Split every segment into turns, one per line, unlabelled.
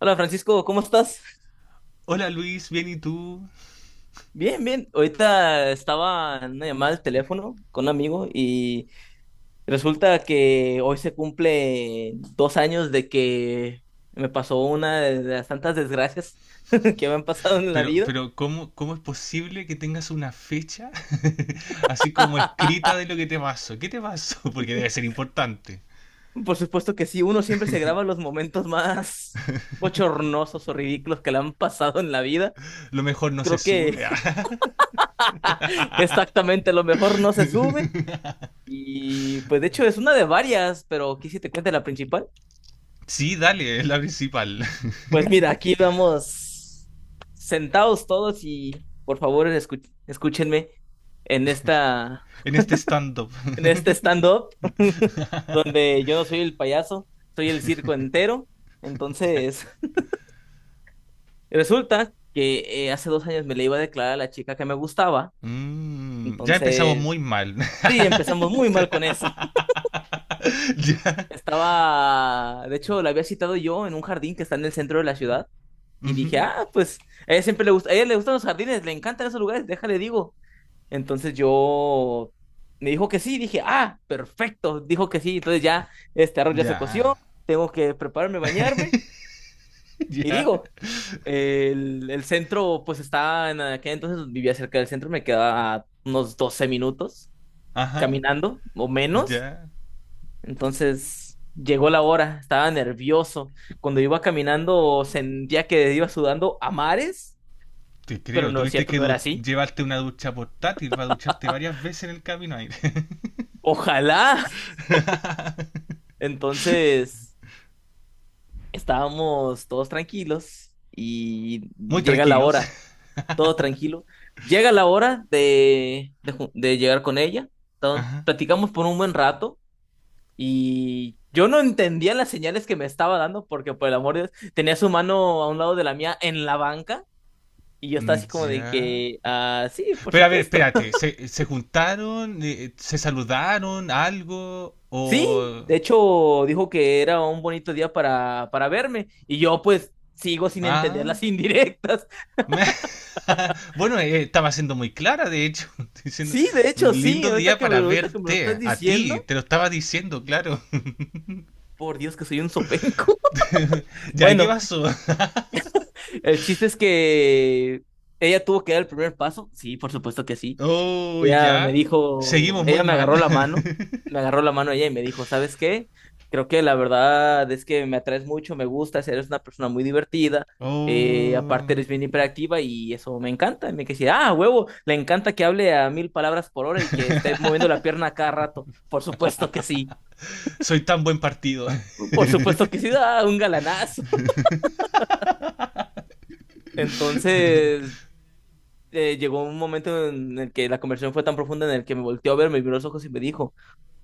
Hola Francisco, ¿cómo estás?
Hola Luis, bien, ¿y tú?
Bien, bien. Ahorita estaba en una llamada al teléfono con un amigo y resulta que hoy se cumple 2 años de que me pasó una de las tantas desgracias que me han pasado en la
Pero,
vida.
pero ¿cómo es posible que tengas una fecha así como escrita de lo que te pasó? ¿Qué te pasó? Porque debe ser importante.
Por supuesto que sí, uno siempre se graba los momentos más bochornosos o ridículos que le han pasado en la vida.
Lo mejor no se
Creo que
sube. Ah.
exactamente lo mejor no se sube. Y pues de hecho es una de varias, pero quise te cuente la principal.
Sí, dale, es la principal.
Pues mira, aquí vamos sentados todos y por favor escúchenme en esta
En este stand-up.
en este stand-up donde yo no soy el payaso, soy el circo entero.
Ya.
Entonces, resulta que hace 2 años me le iba a declarar a la chica que me gustaba.
Ya empezamos
Entonces,
muy mal.
sí, empezamos muy mal con eso.
Ya.
Estaba, de hecho, la había citado yo en un jardín que está en el centro de la ciudad y dije,
Ujú.
ah, pues a ella siempre le gusta, a ella le gustan los jardines, le encantan esos lugares, déjale digo. Entonces yo me dijo que sí, dije, ah, perfecto, dijo que sí, entonces ya este arroz ya se
Ya.
coció, tengo que prepararme, bañarme y
Ya.
digo, el centro pues estaba en aquel entonces vivía cerca del centro, me quedaba a unos 12 minutos
Ajá.
caminando o menos,
Ya.
entonces llegó la hora, estaba nervioso, cuando iba caminando sentía que iba sudando a mares,
Te
pero
creo,
no es
tuviste
cierto,
que
no era así,
llevarte una ducha portátil para ducharte varias veces en el camino ahí.
ojalá, entonces... Estábamos todos tranquilos y
Muy
llega la
tranquilos.
hora, todo tranquilo. Llega la hora de llegar con ella. Entonces,
Ajá.
platicamos por un buen rato y yo no entendía las señales que me estaba dando porque, por el amor de Dios, tenía su mano a un lado de la mía en la banca y yo estaba
Mm,
así como de
ya.
que, ah, sí, por
Pero a ver,
supuesto.
espérate, ¿se juntaron? ¿Se saludaron? ¿Algo?
Sí, de
¿O?
hecho dijo que era un bonito día para verme y yo pues sigo sin entender
Ah.
las indirectas.
Bueno, estaba siendo muy clara, de hecho, diciendo
Sí, de
un
hecho, sí,
lindo día para
ahorita que me lo estás
verte, a ti,
diciendo,
te lo estaba diciendo, claro.
por Dios que soy un sopenco.
Ya, ¿y qué
Bueno,
pasó?
el chiste es que ella tuvo que dar el primer paso, sí, por supuesto que sí.
Oh,
Ella me
ya.
dijo,
Seguimos muy
ella me
mal.
agarró la mano, me agarró la mano ella y me dijo, ¿sabes qué? Creo que la verdad es que me atraes mucho, me gustas, eres una persona muy divertida, aparte
Oh,
eres bien hiperactiva y eso me encanta. Y me quedé, así, ah, huevo, le encanta que hable a mil palabras por hora y que esté moviendo la pierna a cada rato, por supuesto que sí.
soy tan buen partido.
Por supuesto que sí, da un galanazo. Entonces, llegó un momento en el que la conversación fue tan profunda en el que me volteó a ver, me vio los ojos y me dijo,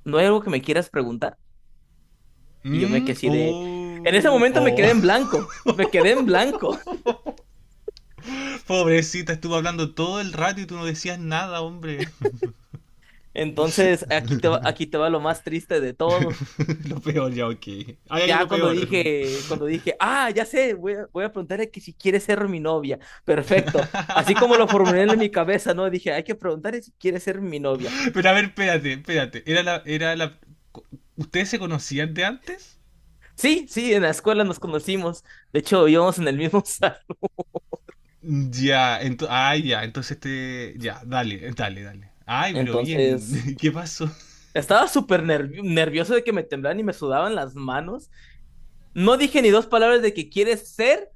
¿no hay algo que me quieras preguntar? Y yo me quedé
Mm,
así de... En ese
oh,
momento me quedé en
oh.
blanco, me quedé en blanco.
Pobrecita, estuvo hablando todo el rato y tú no decías nada, hombre.
Entonces, aquí te va lo más triste de todo.
Lo peor ya, ok. Hay
Ya
algo peor.
cuando dije, ah, ya sé, voy a preguntarle que si quiere ser mi novia. Perfecto. Así como lo formulé en mi cabeza, ¿no? Dije, hay que preguntarle si quiere ser mi novia.
Pero a ver, espérate, espérate. ¿Ustedes se conocían de antes?
Sí, sí, en la escuela nos conocimos. De hecho, íbamos en el mismo salón.
Ya, entonces. Ah, ya, entonces, este. Ya, dale, dale, dale. Ay, pero
Entonces,
bien. ¿Qué pasó?
estaba súper nervioso de que me temblaran y me sudaban las manos. No dije ni dos palabras de que quieres ser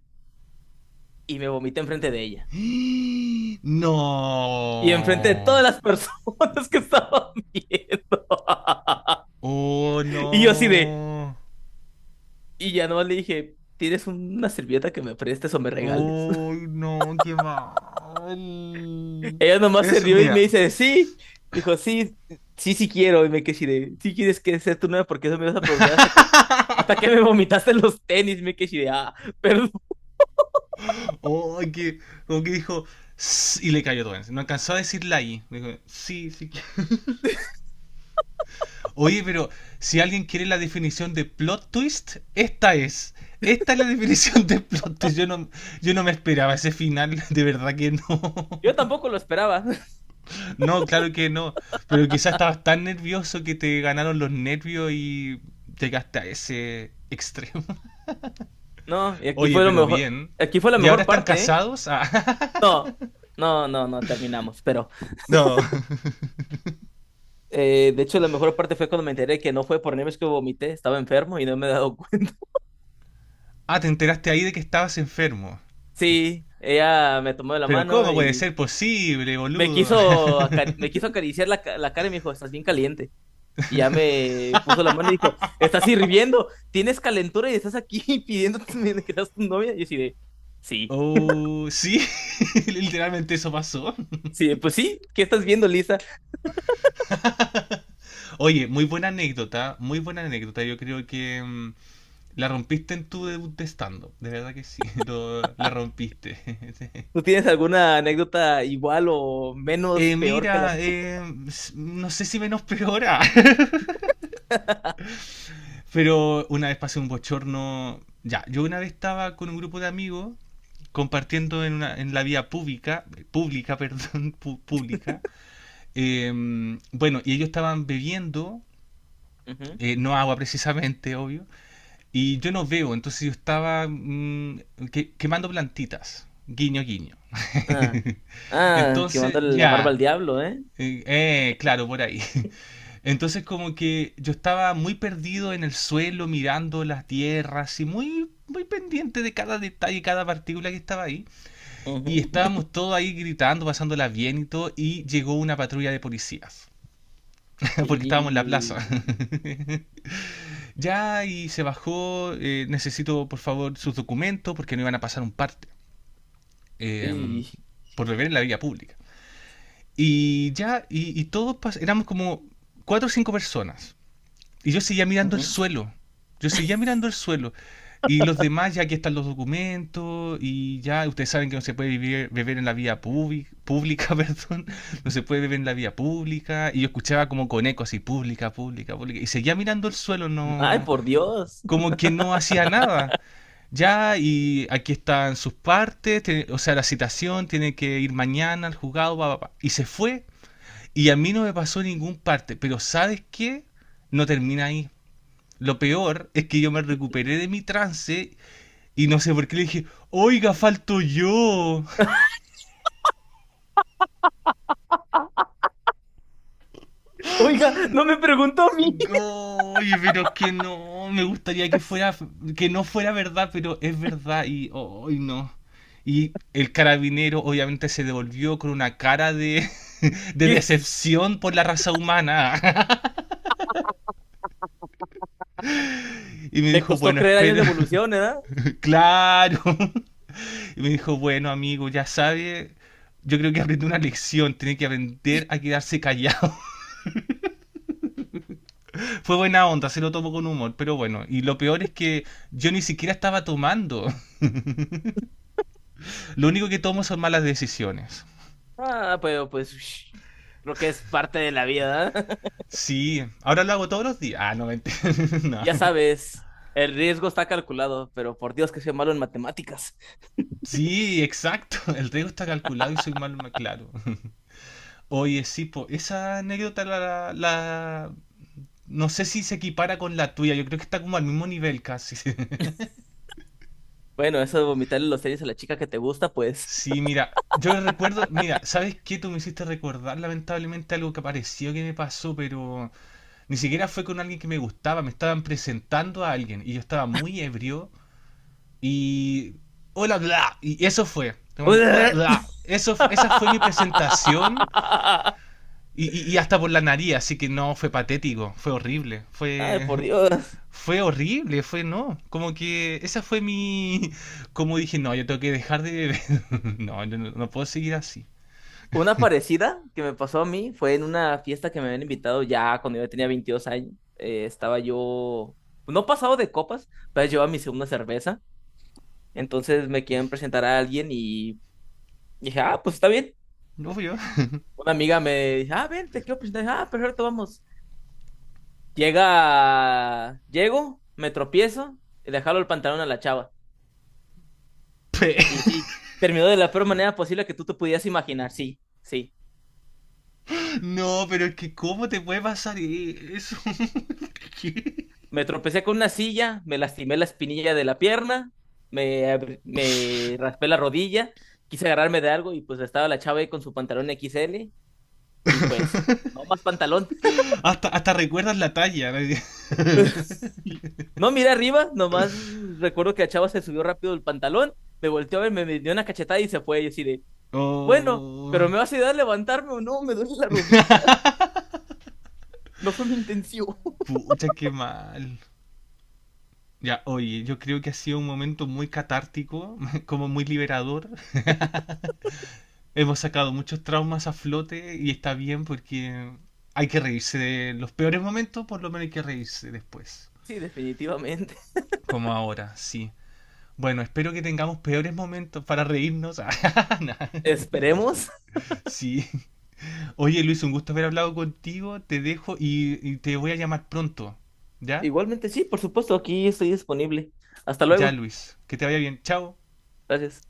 y me vomité enfrente de ella. Y enfrente de
No.
todas las personas que estaban viendo.
Oh,
Y yo así de,
no.
y ya no le dije, ¿tienes una servilleta que me prestes o me regales?
Oh, no, qué mal.
Ella nomás se
Eso,
rió y me
mira.
dice, sí. Dijo, sí, sí, sí quiero. Y me quedé así de, sí quieres que sea tu novia, porque eso me vas a preguntar hasta que me vomitaste los tenis. Me quedé así de, ah, perdón.
Oh, que, como que dijo, "S-", y le cayó todo. No alcanzó a decir la I. Dijo, sí, sí. Oye, pero si alguien quiere la definición de plot twist, esta es. Esta es la definición de plot twist. Yo no me esperaba ese final, de verdad que no.
Yo tampoco lo esperaba.
No, claro que no. Pero quizás estabas tan nervioso que te ganaron los nervios y llegaste a ese extremo.
No, y aquí
Oye,
fue lo
pero
mejor,
bien.
aquí fue la
¿Y ahora
mejor
están
parte, ¿eh?
casados? Ah,
No, no, no, no, terminamos. Pero,
no.
de hecho, la mejor parte fue cuando me enteré que no fue por nervios que vomité, estaba enfermo y no me he dado cuenta.
Ah, te enteraste ahí de que estabas enfermo.
Sí, ella me tomó de la
Pero
mano
¿cómo puede
y
ser posible, boludo?
me quiso acariciar la cara y me dijo, estás bien caliente. Y ya me puso la mano y dijo, estás hirviendo, tienes calentura y estás aquí pidiendo que seas tu novia. Y yo así de, sí,
Oh, sí, literalmente eso pasó.
sí, pues sí, ¿qué estás viendo, Lisa?
Oye, muy buena anécdota, muy buena anécdota. Yo creo que la rompiste en tu debut de stand-up. De verdad que sí, la rompiste.
¿Tú tienes alguna anécdota igual o menos
Eh,
peor que la
mira,
mía?
no sé si menos peora, pero una vez pasé un bochorno. Ya, yo una vez estaba con un grupo de amigos compartiendo en la vía pública, pública, perdón, pública. Eh, bueno, y ellos estaban bebiendo,
Ujú.
no agua precisamente, obvio, y yo no veo, entonces yo estaba quemando plantitas, guiño, guiño.
Ah, ah, que
Entonces,
mandarle la barba
ya,
al diablo, ¿eh?
claro, por ahí. Entonces como que yo estaba muy perdido en el suelo, mirando las tierras y muy, muy pendiente de cada detalle, cada partícula que estaba ahí. Y
Ujú.
estábamos todos ahí gritando, pasándola bien y todo, y llegó una patrulla de policías. Porque estábamos en la plaza.
Y,
Ya, y se bajó. Necesito, por favor, sus documentos porque no iban a pasar un parte. eh,
y-
por beber en la vía pública. Y ya, y todos éramos como cuatro o cinco personas. Y yo seguía mirando el
ujú.
suelo. Yo seguía mirando el suelo. Y los demás, ya aquí están los documentos, y ya ustedes saben que no se puede beber en la vía pública, perdón, no se puede beber en la vía pública, y yo escuchaba como con eco así, pública, pública, pública, y seguía mirando el suelo,
Ay,
no,
por Dios.
como que no hacía nada. Ya, y aquí están sus partes, o sea, la citación, tiene que ir mañana al juzgado, pa, pa, pa. Y se fue, y a mí no me pasó ningún parte, pero ¿sabes qué? No termina ahí. Lo peor es que yo me recuperé de mi trance y no sé por qué le dije, oiga, falto yo.
Oiga, no me preguntó a mí.
Oye, pero es que no, me gustaría que fuera, que no fuera verdad, pero es verdad y hoy no. Y el carabinero obviamente se devolvió con una cara de, de decepción por la raza humana. Y me
Me
dijo,
costó
bueno,
creer años
espero.
de evolución, ¿eh?
Claro. Y me dijo, bueno, amigo, ya sabe, yo creo que aprendí una lección, tiene que aprender a quedarse callado. Fue buena onda, se lo tomó con humor, pero bueno. Y lo peor es que yo ni siquiera estaba tomando. Lo único que tomo son malas decisiones.
Ah, pero pues ush, creo que es parte de la vida, ¿eh?
Sí, ahora lo hago todos los días. Ah, no, mentira. No.
Ya sabes, el riesgo está calculado, pero por Dios que soy malo en matemáticas.
Sí, exacto. El riesgo está calculado y claro. Oye, sí, po, esa anécdota, no sé si se equipara con la tuya. Yo creo que está como al mismo nivel casi.
Bueno, eso de vomitarle los tenis a la chica que te gusta, pues.
Sí, mira, yo recuerdo, mira, ¿sabes qué? Tú me hiciste recordar lamentablemente algo que apareció que me pasó, pero ni siquiera fue con alguien que me gustaba, me estaban presentando a alguien y yo estaba muy ebrio y. Hola, bla. Y eso fue. Hola, bla. Eso, esa fue mi presentación y, y hasta por la nariz, así que no, fue patético, fue horrible,
Ay,
fue.
por Dios.
Fue horrible, fue no. Como que esa fue mi. Como dije, no, yo tengo que dejar de beber. No, yo no puedo seguir así.
Una parecida que me pasó a mí fue en una fiesta que me habían invitado ya cuando yo tenía 22 años. Estaba yo, pues, no pasado de copas, pero llevaba mi segunda cerveza. Entonces me quieren presentar a alguien y dije, ah, pues está bien.
Obvio.
Una amiga me dice, ah, ven, te quiero presentar. Ah, perfecto, vamos. Llega, llego, me tropiezo y le jalo el pantalón a la chava.
Yo.
Y sí, terminó de la peor manera posible que tú te pudieras imaginar. Sí, sí.
No, pero es que ¿cómo te puede pasar eso? ¿Qué?
Me tropecé con una silla, me lastimé la espinilla de la pierna, me raspé la rodilla, quise agarrarme de algo y pues estaba la chava ahí con su pantalón XL y pues, no más pantalón.
Hasta recuerdas la talla, ¿no?
No, mira arriba, nomás recuerdo que la chava se subió rápido el pantalón, me volteó a ver, me dio una cachetada y se fue. Y así de, bueno, pero
Oh,
¿me vas a ayudar a levantarme o no? Me duele la rodilla. No fue mi intención.
pucha, qué mal. Ya, oye, yo creo que ha sido un momento muy catártico, como muy liberador. Hemos sacado muchos traumas a flote y está bien porque hay que reírse de los peores momentos, por lo menos hay que reírse después.
Sí, definitivamente.
Como ahora, sí. Bueno, espero que tengamos peores momentos para reírnos. Nah,
Esperemos.
sí. Oye, Luis, un gusto haber hablado contigo. Te dejo y te voy a llamar pronto. ¿Ya?
Igualmente, sí, por supuesto, aquí estoy disponible. Hasta
Ya,
luego.
Luis, que te vaya bien. Chao.
Gracias.